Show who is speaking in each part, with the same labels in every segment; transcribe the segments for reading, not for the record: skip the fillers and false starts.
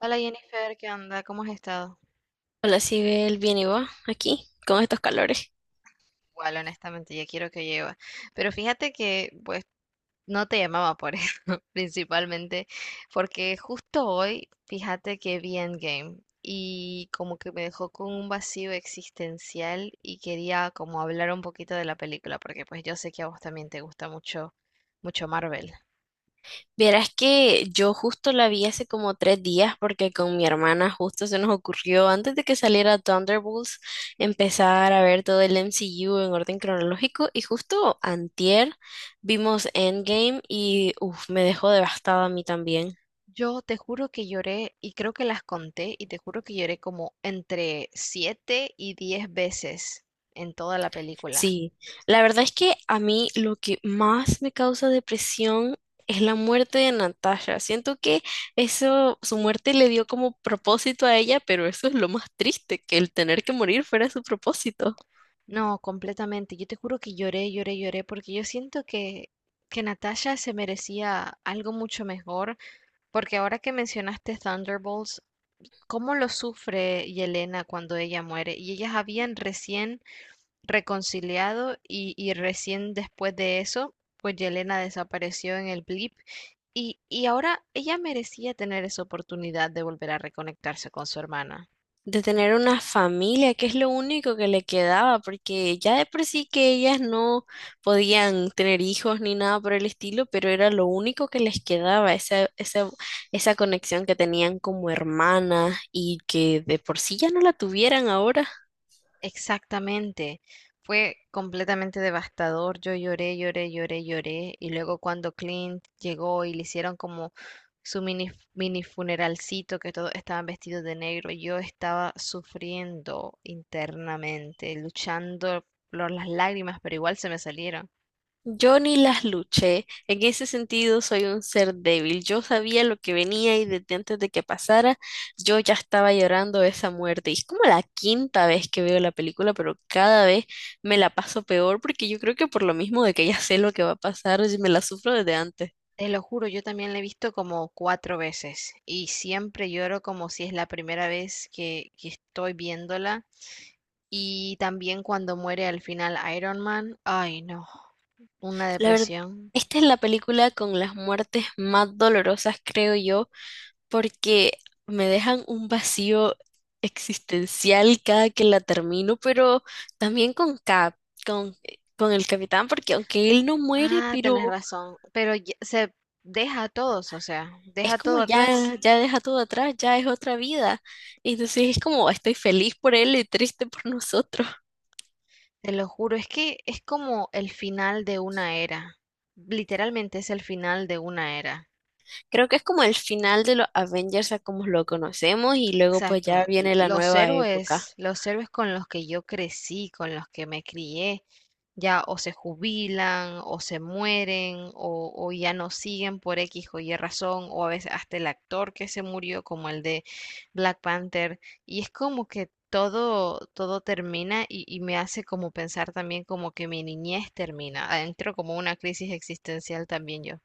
Speaker 1: Hola Jennifer, ¿qué onda? ¿Cómo has estado?
Speaker 2: Hola, Sibel, bien y vos, aquí, con estos calores.
Speaker 1: Igual, honestamente, ya quiero que lleve. Pero fíjate que, pues, no te llamaba por eso, principalmente, porque justo hoy, fíjate que vi Endgame y como que me dejó con un vacío existencial y quería como hablar un poquito de la película, porque pues yo sé que a vos también te gusta mucho, mucho Marvel.
Speaker 2: Vieras que yo justo la vi hace como 3 días porque con mi hermana justo se nos ocurrió, antes de que saliera Thunderbolts, empezar a ver todo el MCU en orden cronológico y justo antier vimos Endgame y uf, me dejó devastada a mí también.
Speaker 1: Yo te juro que lloré y creo que las conté y te juro que lloré como entre 7 y 10 veces en toda la película.
Speaker 2: Sí, la verdad es que a mí lo que más me causa depresión es la muerte de Natasha. Siento que eso, su muerte le dio como propósito a ella, pero eso es lo más triste, que el tener que morir fuera su propósito.
Speaker 1: No, completamente. Yo te juro que lloré, lloré, lloré, porque yo siento que Natasha se merecía algo mucho mejor, porque ahora que mencionaste Thunderbolts, cómo lo sufre Yelena cuando ella muere, y ellas habían recién reconciliado y recién después de eso, pues Yelena desapareció en el blip, y ahora ella merecía tener esa oportunidad de volver a reconectarse con su hermana.
Speaker 2: De tener una familia, que es lo único que le quedaba, porque ya de por sí que ellas no podían tener hijos ni nada por el estilo, pero era lo único que les quedaba, esa conexión que tenían como hermanas y que de por sí ya no la tuvieran ahora.
Speaker 1: Exactamente. Fue completamente devastador. Yo lloré, lloré, lloré, lloré. Y luego cuando Clint llegó y le hicieron como su mini, mini funeralcito, que todos estaban vestidos de negro, yo estaba sufriendo internamente, luchando por las lágrimas, pero igual se me salieron.
Speaker 2: Yo ni las luché. En ese sentido, soy un ser débil. Yo sabía lo que venía y desde antes de que pasara, yo ya estaba llorando esa muerte. Y es como la quinta vez que veo la película, pero cada vez me la paso peor porque yo creo que por lo mismo de que ya sé lo que va a pasar, y me la sufro desde antes.
Speaker 1: Te lo juro, yo también la he visto como 4 veces y siempre lloro como si es la primera vez que estoy viéndola. Y también cuando muere al final Iron Man, ay no, una
Speaker 2: La verdad,
Speaker 1: depresión.
Speaker 2: esta es la película con las muertes más dolorosas, creo yo, porque me dejan un vacío existencial cada que la termino, pero también con Cap, con, con el capitán, porque aunque él no muere,
Speaker 1: Ah, tenés
Speaker 2: pero
Speaker 1: razón, pero se deja a todos, o sea,
Speaker 2: es
Speaker 1: deja
Speaker 2: como
Speaker 1: todo atrás,
Speaker 2: ya, ya deja todo atrás, ya es otra vida. Entonces es como estoy feliz por él y triste por nosotros.
Speaker 1: te lo juro, es que es como el final de una era, literalmente es el final de una era.
Speaker 2: Creo que es como el final de los Avengers a como lo conocemos y luego pues ya
Speaker 1: Exacto.
Speaker 2: viene la nueva época.
Speaker 1: Los héroes con los que yo crecí, con los que me crié, ya o se jubilan, o se mueren, o ya no siguen por X o Y razón, o a veces hasta el actor que se murió, como el de Black Panther. Y es como que todo, todo termina y me hace como pensar también como que mi niñez termina. Entro como una crisis existencial también yo.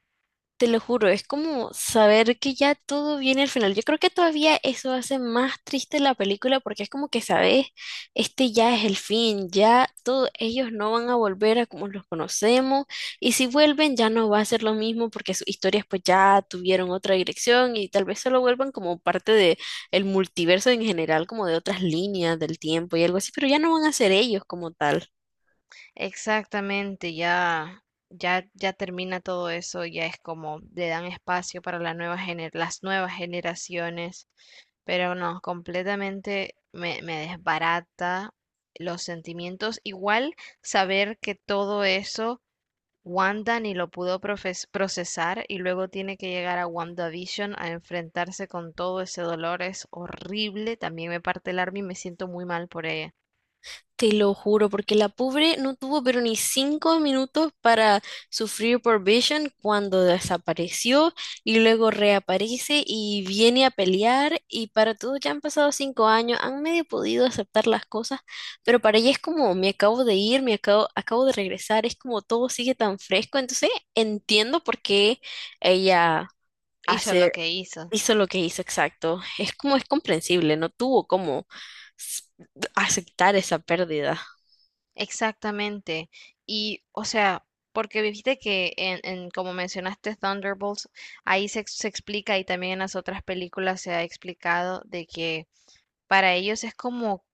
Speaker 2: Te lo juro, es como saber que ya todo viene al final. Yo creo que todavía eso hace más triste la película porque es como que sabes, este ya es el fin, ya todos ellos no van a volver a como los conocemos y si vuelven ya no va a ser lo mismo porque sus historias pues ya tuvieron otra dirección y tal vez solo vuelvan como parte de el multiverso en general, como de otras líneas del tiempo y algo así, pero ya no van a ser ellos como tal.
Speaker 1: Exactamente, ya, ya, ya termina todo eso, ya es como le dan espacio para la nueva las nuevas generaciones, pero no, completamente me desbarata los sentimientos. Igual saber que todo eso Wanda ni lo pudo procesar y luego tiene que llegar a WandaVision a enfrentarse con todo ese dolor es horrible, también me parte el alma y me siento muy mal por ella.
Speaker 2: Te lo juro, porque la pobre no tuvo pero ni 5 minutos para sufrir por Vision cuando desapareció y luego reaparece y viene a pelear y para todo ya han pasado 5 años, han medio podido aceptar las cosas, pero para ella es como me acabo de ir, me acabo de regresar, es como todo sigue tan fresco, entonces entiendo por qué ella
Speaker 1: Hizo lo
Speaker 2: hace,
Speaker 1: que hizo.
Speaker 2: hizo lo que hizo, exacto, es como es comprensible, no tuvo como s- aceptar esa pérdida.
Speaker 1: Exactamente. Y, o sea, porque viste que en como mencionaste Thunderbolts, ahí se explica y también en las otras películas se ha explicado de que para ellos es como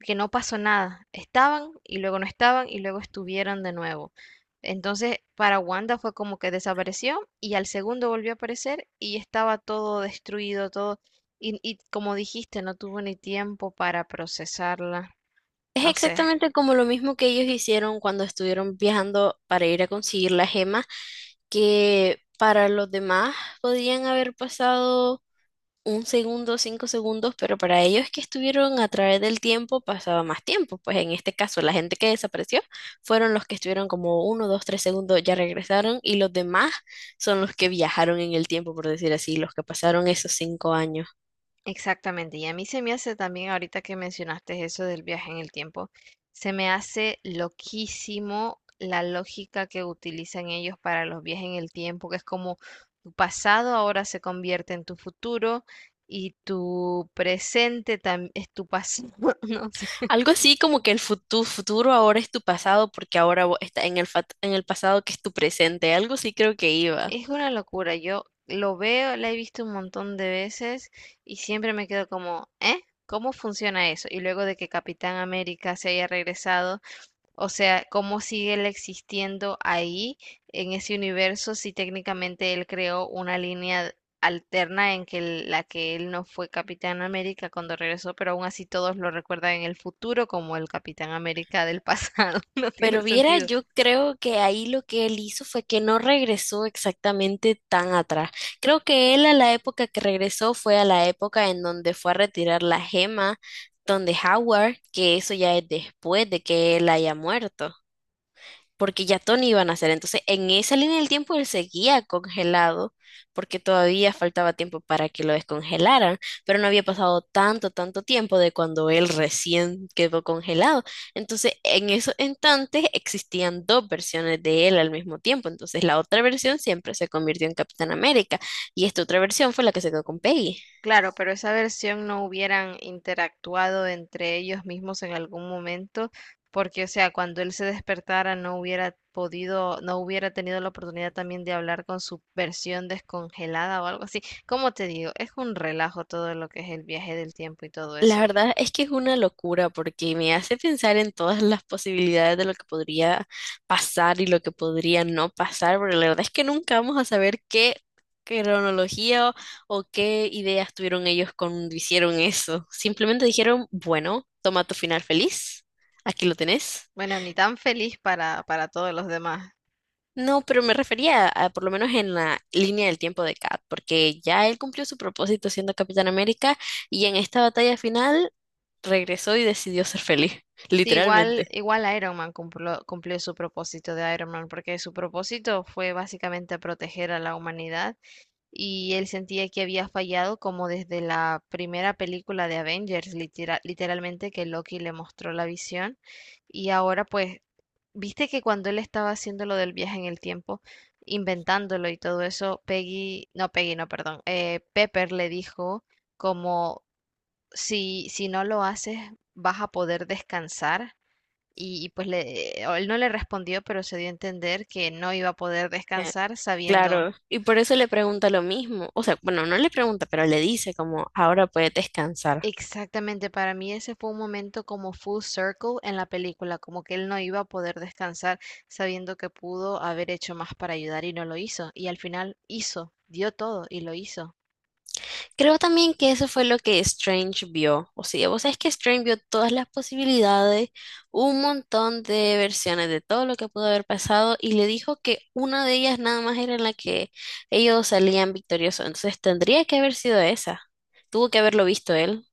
Speaker 1: que no pasó nada. Estaban y luego no estaban y luego estuvieron de nuevo. Entonces, para Wanda fue como que desapareció y al segundo volvió a aparecer y estaba todo destruido, todo. Y como dijiste, no tuvo ni tiempo para procesarla.
Speaker 2: Es
Speaker 1: No sé.
Speaker 2: exactamente como lo mismo que ellos hicieron cuando estuvieron viajando para ir a conseguir la gema, que para los demás podían haber pasado un segundo, cinco segundos, pero para ellos que estuvieron a través del tiempo pasaba más tiempo. Pues en este caso, la gente que desapareció fueron los que estuvieron como uno, dos, tres segundos, ya regresaron, y los demás son los que viajaron en el tiempo, por decir así, los que pasaron esos 5 años.
Speaker 1: Exactamente, y a mí se me hace también, ahorita que mencionaste eso del viaje en el tiempo, se me hace loquísimo la lógica que utilizan ellos para los viajes en el tiempo, que es como tu pasado ahora se convierte en tu futuro y tu presente también es tu pasado. No sé,
Speaker 2: Algo así como que el futuro, futuro ahora es tu pasado porque ahora está en en el pasado que es tu presente. Algo sí creo que iba.
Speaker 1: es una locura. Yo lo veo, la he visto un montón de veces y siempre me quedo como, ¿eh? ¿Cómo funciona eso? Y luego de que Capitán América se haya regresado. O sea, ¿cómo sigue él existiendo ahí en ese universo si técnicamente él creó una línea alterna en que la que él no fue Capitán América cuando regresó, pero aún así todos lo recuerdan en el futuro como el Capitán América del pasado? No tiene
Speaker 2: Pero viera,
Speaker 1: sentido.
Speaker 2: yo creo que ahí lo que él hizo fue que no regresó exactamente tan atrás. Creo que él a la época que regresó fue a la época en donde fue a retirar la gema, donde Howard, que eso ya es después de que él haya muerto. Porque ya Tony iba a nacer. Entonces, en esa línea del tiempo él seguía congelado, porque todavía faltaba tiempo para que lo descongelaran, pero no había pasado tanto, tanto tiempo de cuando él recién quedó congelado. Entonces, en esos instantes existían dos versiones de él al mismo tiempo. Entonces, la otra versión siempre se convirtió en Capitán América y esta otra versión fue la que se quedó con Peggy.
Speaker 1: Claro, pero esa versión no hubieran interactuado entre ellos mismos en algún momento, porque, o sea, cuando él se despertara no hubiera podido, no hubiera tenido la oportunidad también de hablar con su versión descongelada o algo así. Como te digo, es un relajo todo lo que es el viaje del tiempo y todo
Speaker 2: La
Speaker 1: eso.
Speaker 2: verdad es que es una locura porque me hace pensar en todas las posibilidades de lo que podría pasar y lo que podría no pasar, porque la verdad es que nunca vamos a saber qué cronología o qué ideas tuvieron ellos cuando hicieron eso. Simplemente dijeron, bueno, toma tu final feliz, aquí lo tenés.
Speaker 1: Bueno, ni tan feliz para todos los demás.
Speaker 2: No, pero me refería a, por lo menos en la línea del tiempo de Kat, porque ya él cumplió su propósito siendo Capitán América y en esta batalla final regresó y decidió ser feliz,
Speaker 1: Sí, igual,
Speaker 2: literalmente.
Speaker 1: igual Iron Man cumplió, cumplió su propósito de Iron Man, porque su propósito fue básicamente proteger a la humanidad y él sentía que había fallado como desde la primera película de Avengers, literalmente que Loki le mostró la visión y ahora pues, viste que cuando él estaba haciendo lo del viaje en el tiempo, inventándolo y todo eso, Peggy, no, perdón, Pepper le dijo como si, si no lo haces vas a poder descansar. Y pues él no le respondió, pero se dio a entender que no iba a poder
Speaker 2: Eh,
Speaker 1: descansar sabiendo.
Speaker 2: Claro, y por eso le pregunta lo mismo, o sea, bueno, no le pregunta, pero le dice como, ahora puedes descansar.
Speaker 1: Exactamente, para mí ese fue un momento como full circle en la película, como que él no iba a poder descansar sabiendo que pudo haber hecho más para ayudar y no lo hizo. Y al final hizo, dio todo y lo hizo.
Speaker 2: Creo también que eso fue lo que Strange vio, o sea, vos sabés que Strange vio todas las posibilidades, un montón de versiones de todo lo que pudo haber pasado y le dijo que una de ellas nada más era en la que ellos salían victoriosos, entonces tendría que haber sido esa, tuvo que haberlo visto él.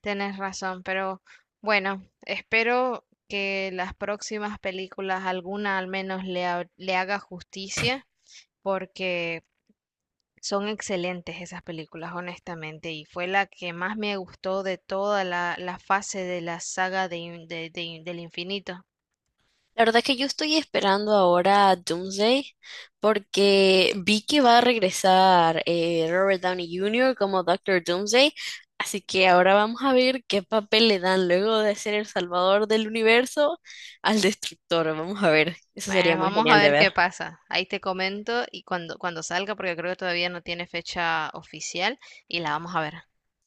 Speaker 1: Tienes razón, pero bueno, espero que las próximas películas, alguna al menos le haga justicia, porque son excelentes esas películas, honestamente, y fue la que más me gustó de toda la fase de la saga de, in- de- de del infinito.
Speaker 2: La verdad que yo estoy esperando ahora a Doomsday porque vi que va a regresar Robert Downey Jr. como Doctor Doomsday, así que ahora vamos a ver qué papel le dan luego de ser el salvador del universo al destructor. Vamos a ver, eso sería
Speaker 1: Bueno,
Speaker 2: muy
Speaker 1: vamos a
Speaker 2: genial de
Speaker 1: ver
Speaker 2: ver.
Speaker 1: qué pasa. Ahí te comento y cuando salga, porque creo que todavía no tiene fecha oficial, y la vamos a ver.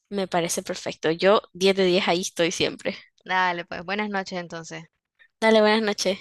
Speaker 2: Me parece perfecto. Yo 10 de 10 ahí estoy siempre.
Speaker 1: Dale, pues buenas noches entonces.
Speaker 2: Dale, buenas noches.